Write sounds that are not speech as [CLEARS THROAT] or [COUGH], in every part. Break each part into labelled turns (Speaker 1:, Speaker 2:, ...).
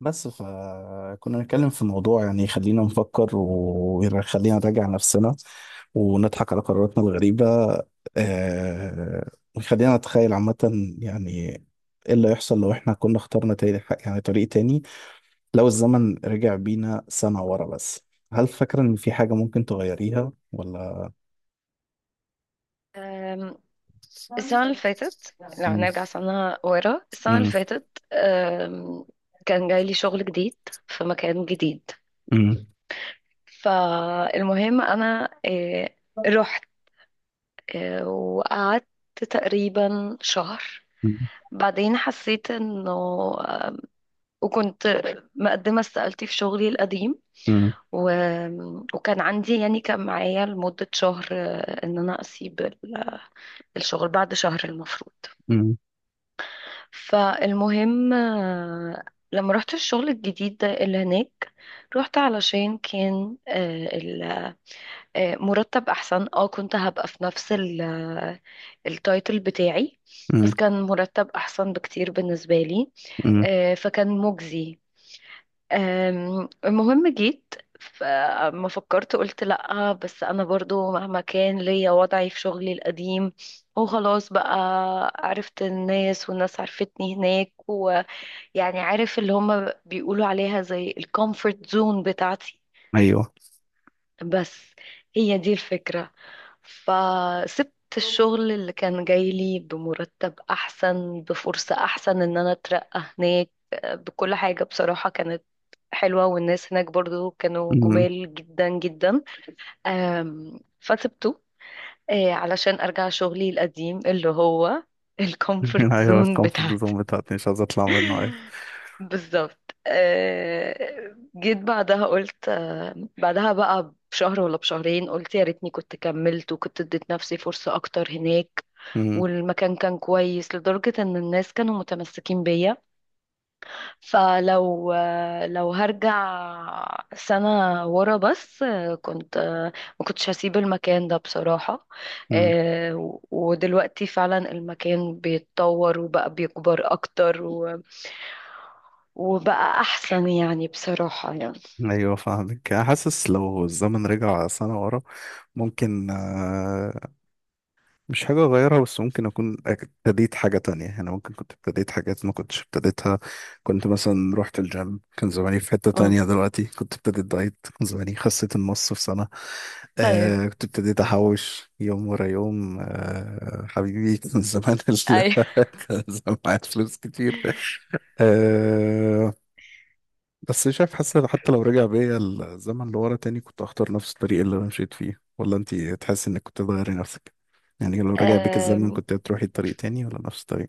Speaker 1: بس فكنا نتكلم في موضوع يعني يخلينا نفكر ويخلينا نراجع نفسنا ونضحك على قراراتنا الغريبة، آه، ويخلينا نتخيل عامة، يعني ايه اللي يحصل لو احنا كنا اخترنا تاني، يعني طريق تاني؟ لو الزمن رجع بينا سنة ورا بس، هل فاكرة ان في حاجة ممكن تغيريها ولا؟
Speaker 2: أم، السنة اللي فاتت لو
Speaker 1: مم.
Speaker 2: هنرجع سنة ورا السنة اللي
Speaker 1: مم.
Speaker 2: فاتت كان جاي لي شغل جديد في مكان جديد.
Speaker 1: مم.
Speaker 2: فالمهم أنا رحت وقعدت تقريبا شهر، بعدين حسيت انه آه، وكنت مقدمة استقالتي في شغلي القديم.
Speaker 1: مم.
Speaker 2: و... وكان عندي يعني كان معايا لمدة شهر، ان انا اسيب الشغل بعد شهر المفروض.
Speaker 1: مم.
Speaker 2: فالمهم لما رحت الشغل الجديد ده اللي هناك، رحت علشان كان مرتب احسن، اه كنت هبقى في نفس التايتل بتاعي، بس
Speaker 1: مم.
Speaker 2: كان مرتب احسن بكتير بالنسبة لي.
Speaker 1: مم.
Speaker 2: فكان مجزي. المهم جيت، فما فكرت قلت لأ، بس أنا برضو مهما كان ليا وضعي في شغلي القديم وخلاص بقى، عرفت الناس والناس عرفتني هناك، يعني عارف اللي هما بيقولوا عليها زي الكومفورت زون بتاعتي.
Speaker 1: ايوه.
Speaker 2: بس هي دي الفكرة. فسبت الشغل اللي كان جاي لي بمرتب أحسن، بفرصة أحسن إن أنا أترقى هناك، بكل حاجة بصراحة كانت حلوة، والناس هناك برضو كانوا
Speaker 1: مم.
Speaker 2: جمال جدا جدا. فسبته علشان أرجع شغلي القديم اللي هو الكومفورت
Speaker 1: [LAUGHS] ايوه،
Speaker 2: زون
Speaker 1: الكونفرت
Speaker 2: بتاعتي.
Speaker 1: زون بتاعتي مش عايز اطلع منها. ايوه.
Speaker 2: بالظبط. جيت بعدها قلت، بعدها بقى بشهر ولا بشهرين قلت يا ريتني كنت كملت وكنت اديت نفسي فرصة اكتر هناك.
Speaker 1: مم.
Speaker 2: والمكان كان كويس لدرجة ان الناس كانوا متمسكين بيا. فلو هرجع سنة ورا بس، كنت ما كنتش هسيب المكان ده بصراحة.
Speaker 1: مم.
Speaker 2: ودلوقتي فعلا المكان بيتطور وبقى بيكبر أكتر وبقى أحسن يعني، بصراحة يعني.
Speaker 1: ايوه، فاهمك. انا حاسس لو الزمن رجع سنة ورا ممكن، مش حاجة اغيرها، بس ممكن اكون ابتديت حاجة تانية. انا ممكن كنت ابتديت حاجات ما كنتش ابتديتها. كنت مثلا رحت الجيم، كان زماني في حتة
Speaker 2: مم.
Speaker 1: تانية دلوقتي. كنت ابتديت دايت، كان زماني خسيت النص في سنة.
Speaker 2: أيوه،
Speaker 1: كنت ابتديت احوش يوم ورا يوم، حبيبي. [LAUGHS]
Speaker 2: أيوه.
Speaker 1: [LAUGHS] كان زمان معايا فلوس كتير. آه، بس شايف، حاسس إن حتى لو رجع بيا الزمن لورا تاني كنت هختار نفس الطريق اللي انا مشيت فيه، ولا انت تحس انك كنت تغيري نفسك؟ يعني لو رجع بيك الزمن
Speaker 2: آم،
Speaker 1: كنت هتروحي طريق تاني ولا نفس الطريق؟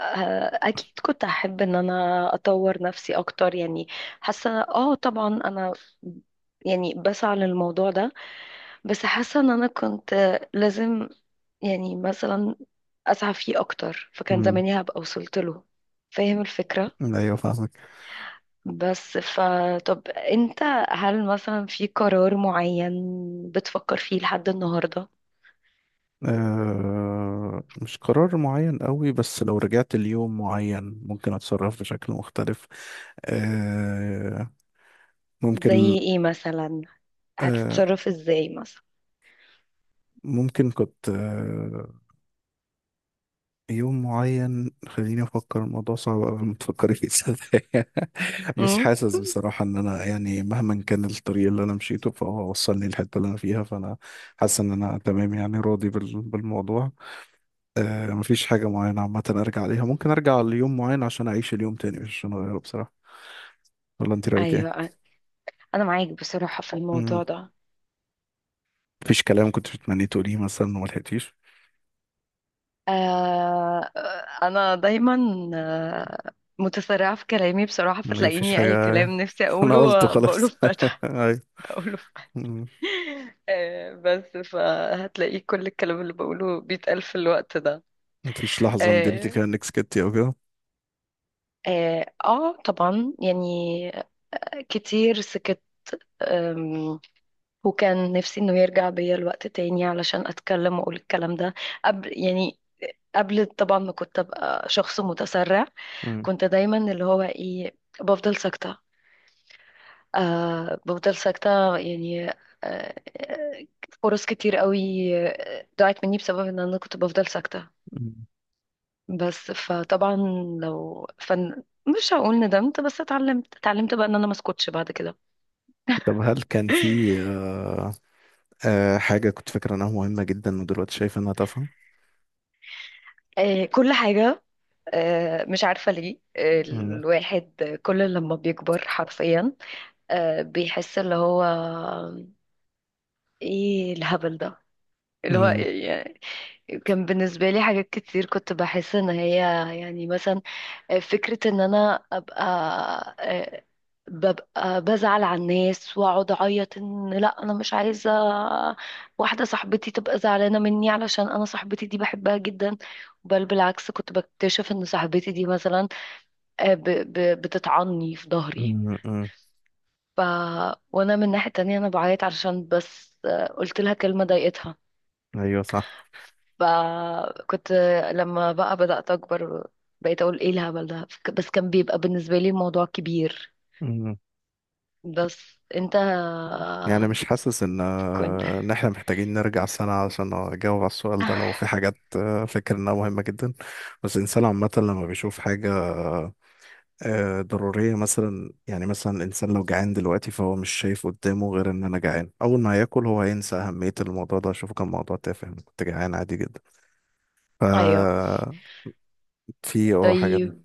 Speaker 2: آه، أكيد كنت أحب إن أنا أطور نفسي أكتر يعني. حاسة، آه، طبعا أنا يعني بسعى للموضوع ده، بس حاسة ان انا كنت لازم يعني مثلا اسعى فيه اكتر، فكان
Speaker 1: امم.
Speaker 2: زماني هبقى وصلت له. فاهم الفكرة؟
Speaker 1: ايوه، فاهمك.
Speaker 2: بس فطب انت، هل مثلا في قرار معين بتفكر فيه لحد النهاردة؟
Speaker 1: أه، مش قرار معين قوي، بس لو رجعت ليوم معين ممكن اتصرف بشكل مختلف. أه، ممكن.
Speaker 2: زي ايه مثلا؟
Speaker 1: أه
Speaker 2: هتتصرف ازاي مثلا؟
Speaker 1: ممكن كنت، يوم معين. خليني افكر، الموضوع صعب قبل ما تفكري فيه صدقني. [LAUGHS] مش
Speaker 2: امم.
Speaker 1: حاسس بصراحه ان انا، يعني مهما كان الطريق اللي انا مشيته فهو وصلني للحته اللي انا فيها، فانا حاسس ان انا تمام، يعني راضي بالموضوع. مفيش حاجه معينه عامه ارجع عليها. ممكن ارجع ليوم معين عشان اعيش اليوم تاني مش عشان اغيره بصراحه. ولا انت رايك ايه؟
Speaker 2: ايوه، انا معاك بصراحة في
Speaker 1: مم.
Speaker 2: الموضوع ده.
Speaker 1: مفيش كلام كنت بتمني تقوليه مثلا وما لحقتيش؟
Speaker 2: آه، انا دايما آه، متسرعة في كلامي بصراحة،
Speaker 1: مفيش
Speaker 2: فتلاقيني اي
Speaker 1: حاجه؟
Speaker 2: كلام نفسي
Speaker 1: [LAUGHS] انا
Speaker 2: اقوله
Speaker 1: قلته
Speaker 2: بقوله
Speaker 1: خلاص.
Speaker 2: فجأة.
Speaker 1: [LAUGHS] أيوة.
Speaker 2: بقوله ف...
Speaker 1: مم.
Speaker 2: [LAUGHS] بس فهتلاقيه كل الكلام اللي بقوله بيتقال في الوقت ده.
Speaker 1: مفيش لحظه ندمتي
Speaker 2: اه،
Speaker 1: فيها انك سكتي او كده؟
Speaker 2: آه، آه طبعا يعني كتير سكت. أم، وكان نفسي انه يرجع بيا الوقت تاني علشان اتكلم واقول الكلام ده، قبل يعني قبل طبعا ما كنت ابقى شخص متسرع. كنت دايما اللي هو ايه، بفضل ساكتة. آه، بفضل ساكتة يعني. آه، فرص كتير قوي ضاعت مني بسبب ان انا كنت بفضل ساكتة.
Speaker 1: مم.
Speaker 2: بس فطبعا، لو فن مش هقول ندمت، بس اتعلمت بقى ان انا ما اسكتش بعد كده.
Speaker 1: طب هل كان في
Speaker 2: [LAUGHS]
Speaker 1: آه، حاجة كنت فاكر انها مهمة جدا ودلوقتي شايف انها تافهة؟
Speaker 2: كل حاجة، مش عارفة ليه،
Speaker 1: مم.
Speaker 2: الواحد كل لما بيكبر حرفيا بيحس اللي هو ايه الهبل ده، اللي هو
Speaker 1: مم.
Speaker 2: إيه؟ كان بالنسبة لي حاجات كتير كنت بحس ان هي يعني مثلا، فكرة ان انا ابقى آه، ببقى بزعل على الناس واقعد اعيط، ان لا انا مش عايزة واحدة صاحبتي تبقى زعلانة مني، علشان انا صاحبتي دي بحبها جدا. بل بالعكس، كنت بكتشف ان صاحبتي دي مثلا بتطعني في ظهري.
Speaker 1: مم. مم.
Speaker 2: ف... وانا من ناحية تانية انا بعيط علشان بس قلت لها كلمة ضايقتها.
Speaker 1: ايوه، صح.
Speaker 2: فكنت لما بقى بدأت أكبر، بقيت أقول إيه الهبل ده، بس كان بيبقى بالنسبة لي الموضوع كبير.
Speaker 1: مم.
Speaker 2: بس أنت
Speaker 1: يعني مش حاسس ان
Speaker 2: كنت.
Speaker 1: آه، ان احنا محتاجين نرجع سنة عشان اجاوب على السؤال ده، لو في
Speaker 2: [LAUGHS]
Speaker 1: حاجات فاكر انها مهمة جدا. بس الانسان عامة لما بيشوف حاجة آه، ضرورية مثلا، يعني مثلا الانسان لو جعان دلوقتي فهو مش شايف قدامه غير ان انا جعان. اول ما هياكل هو هينسى اهمية الموضوع ده، شوفه كان موضوع تافه، أنا كنت جعان عادي جدا. ف...
Speaker 2: أيوه.
Speaker 1: في حاجات.
Speaker 2: طيب،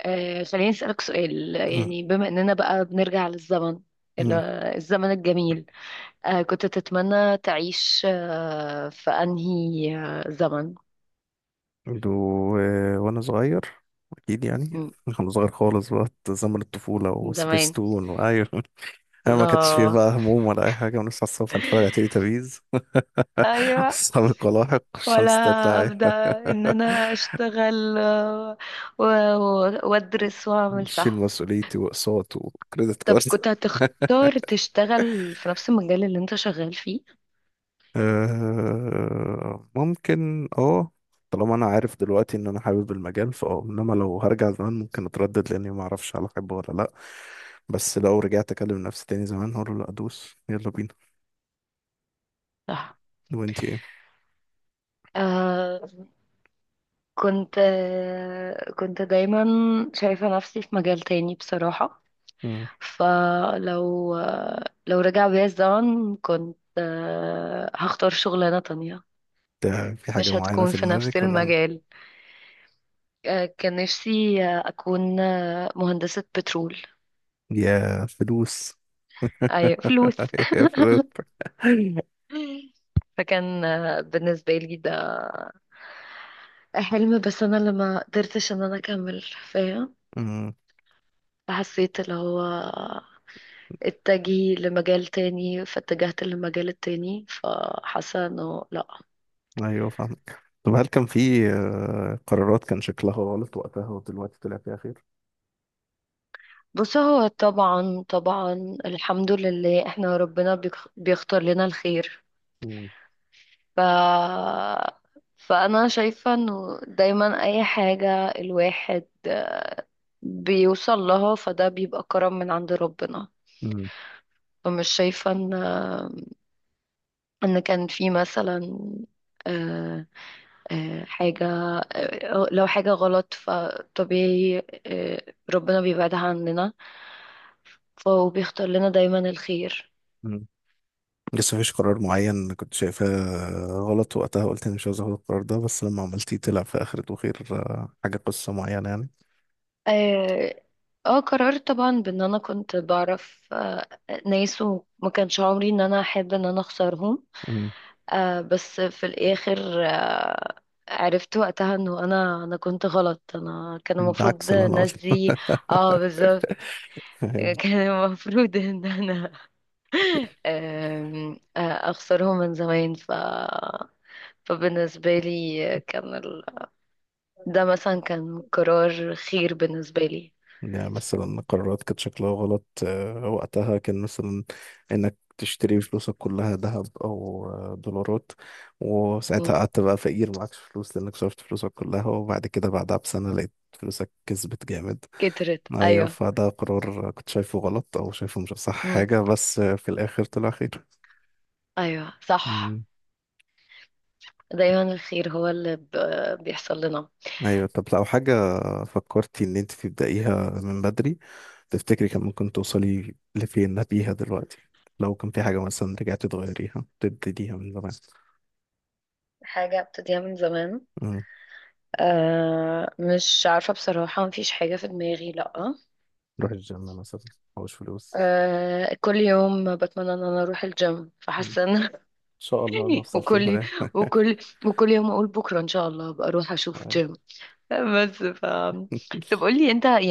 Speaker 2: آه، خليني أسألك سؤال، يعني بما إننا بقى بنرجع للزمن، ال-
Speaker 1: [CLEARS THROAT]
Speaker 2: الزمن الجميل، آه كنت تتمنى تعيش آه في أنهي زمن؟
Speaker 1: و... وانا صغير، اكيد يعني.
Speaker 2: مم،
Speaker 1: [LAUGHS] وانا صغير خالص، بقى زمن الطفولة
Speaker 2: زمان.
Speaker 1: وسبيستون وايوه. [LAUGHS] انا ما كانش فيه
Speaker 2: الله.
Speaker 1: بقى هموم ولا اي حاجة، ونصحى الصبح نتفرج
Speaker 2: [LAUGHS]
Speaker 1: على تيلي تابيز. [LAUGHS]
Speaker 2: أيوه.
Speaker 1: اصحاب القلاحق
Speaker 2: ولا
Speaker 1: الشمس تطلع.
Speaker 2: ابدا ان انا اشتغل و
Speaker 1: [LAUGHS]
Speaker 2: وادرس واعمل،
Speaker 1: شيل
Speaker 2: صح؟
Speaker 1: مسؤوليتي واقساط وكريدت
Speaker 2: طب
Speaker 1: كارد.
Speaker 2: كنت
Speaker 1: [LAUGHS]
Speaker 2: هتختار تشتغل في نفس المجال اللي انت شغال فيه؟
Speaker 1: ممكن. اه طالما انا عارف دلوقتي ان انا حابب المجال فاه، انما لو هرجع زمان ممكن اتردد لاني ما اعرفش هل احبه ولا لا. بس لو رجعت اكلم نفسي تاني زمان هقول له لا، ادوس يلا بينا.
Speaker 2: صح.
Speaker 1: وانتي ايه؟
Speaker 2: آه كنت، آه كنت دايما شايفة نفسي في مجال تاني بصراحة.
Speaker 1: مم.
Speaker 2: فلو، آه، لو رجع بيا الزمن كنت، آه، هختار شغلانة تانية،
Speaker 1: ده في حاجة
Speaker 2: مش
Speaker 1: معينة
Speaker 2: هتكون
Speaker 1: في
Speaker 2: في نفس
Speaker 1: دماغك ولا؟
Speaker 2: المجال. آه كان نفسي، أكون، مهندسة بترول.
Speaker 1: يا فلوس!
Speaker 2: ايوه، فلوس.
Speaker 1: [LAUGHS] يا فلوس.
Speaker 2: فكان، بالنسبة لي ده حلم، بس انا اللي ما قدرتش ان انا اكمل. فاهم؟
Speaker 1: مم.
Speaker 2: حسيت اللي هو اتجهي لمجال تاني، فاتجهت للمجال التاني، فحاسة انه لا.
Speaker 1: ايوه، فاهمك. طب هل كان في قرارات كان شكلها غلط وقتها ودلوقتي طلع فيها خير؟
Speaker 2: بص هو طبعا، طبعا الحمد لله احنا ربنا بيختار لنا الخير.
Speaker 1: مم.
Speaker 2: ف فانا شايفة انه دايما اي حاجة الواحد بيوصل لها فده بيبقى كرم من عند ربنا. فمش شايفة ان، ان كان في مثلا، آه، حاجة، لو حاجة غلط فطبيعي آه، ربنا بيبعدها عننا، فبيختار لنا دايما الخير.
Speaker 1: مم. لسه مفيش قرار معين كنت شايفاه غلط وقتها، قلت اني مش عاوز اخد القرار ده، بس لما عملتيه طلع في اخرته خير؟ حاجه، قصه معينه يعني؟
Speaker 2: اه، قررت طبعا بان انا كنت بعرف ناس وما كانش عمري ان انا احب ان انا اخسرهم.
Speaker 1: امم.
Speaker 2: بس في الاخر عرفت وقتها انه انا كنت غلط، انا كان
Speaker 1: [LAUGHS] ده
Speaker 2: المفروض
Speaker 1: عكس اللي انا
Speaker 2: الناس
Speaker 1: قلته.
Speaker 2: دي. اه، بالظبط.
Speaker 1: [LAUGHS]
Speaker 2: كان المفروض ان انا [LAUGHS] اخسره من زمان. فبالنسبة لي كان ده مثلا كان قرار خير بالنسبة لي.
Speaker 1: يعني مثلا قرارات كانت شكلها غلط وقتها، كان مثلا انك تشتري فلوسك كلها ذهب او دولارات، وساعتها
Speaker 2: مم.
Speaker 1: قعدت بقى فقير معكش فلوس لانك صرفت فلوسك كلها، وبعد كده بعدها بسنه لقيت فلوسك كسبت جامد.
Speaker 2: كترت،
Speaker 1: ايوه،
Speaker 2: ايوه.
Speaker 1: فده قرار كنت شايفه غلط او شايفه مش صح
Speaker 2: مم.
Speaker 1: حاجة، بس في الاخر طلع خير.
Speaker 2: ايوه صح،
Speaker 1: مم.
Speaker 2: دايما الخير هو اللي بيحصل لنا.
Speaker 1: ايوه، طب لو حاجة فكرتي ان انت تبدأيها من بدري، تفتكري كان ممكن توصلي لفين بيها دلوقتي؟ لو كان في حاجة مثلا رجعتي تغيريها تبتديها من زمان؟
Speaker 2: حاجة ابتديها من زمان؟
Speaker 1: مم.
Speaker 2: أه مش عارفة بصراحة، مفيش حاجة في دماغي، لأ.
Speaker 1: روح الجيم مثلا، محوش فلوس.
Speaker 2: أه كل يوم بتمنى ان انا اروح الجيم،
Speaker 1: ان
Speaker 2: فحاسة ان
Speaker 1: شاء الله
Speaker 2: [LAUGHS]
Speaker 1: نوصل فين.
Speaker 2: وكل وكل وكل يوم اقول بكره ان شاء الله ابقى اروح اشوف جيم. بس ف، طب
Speaker 1: [LAUGHS]
Speaker 2: قول لي انت يعني.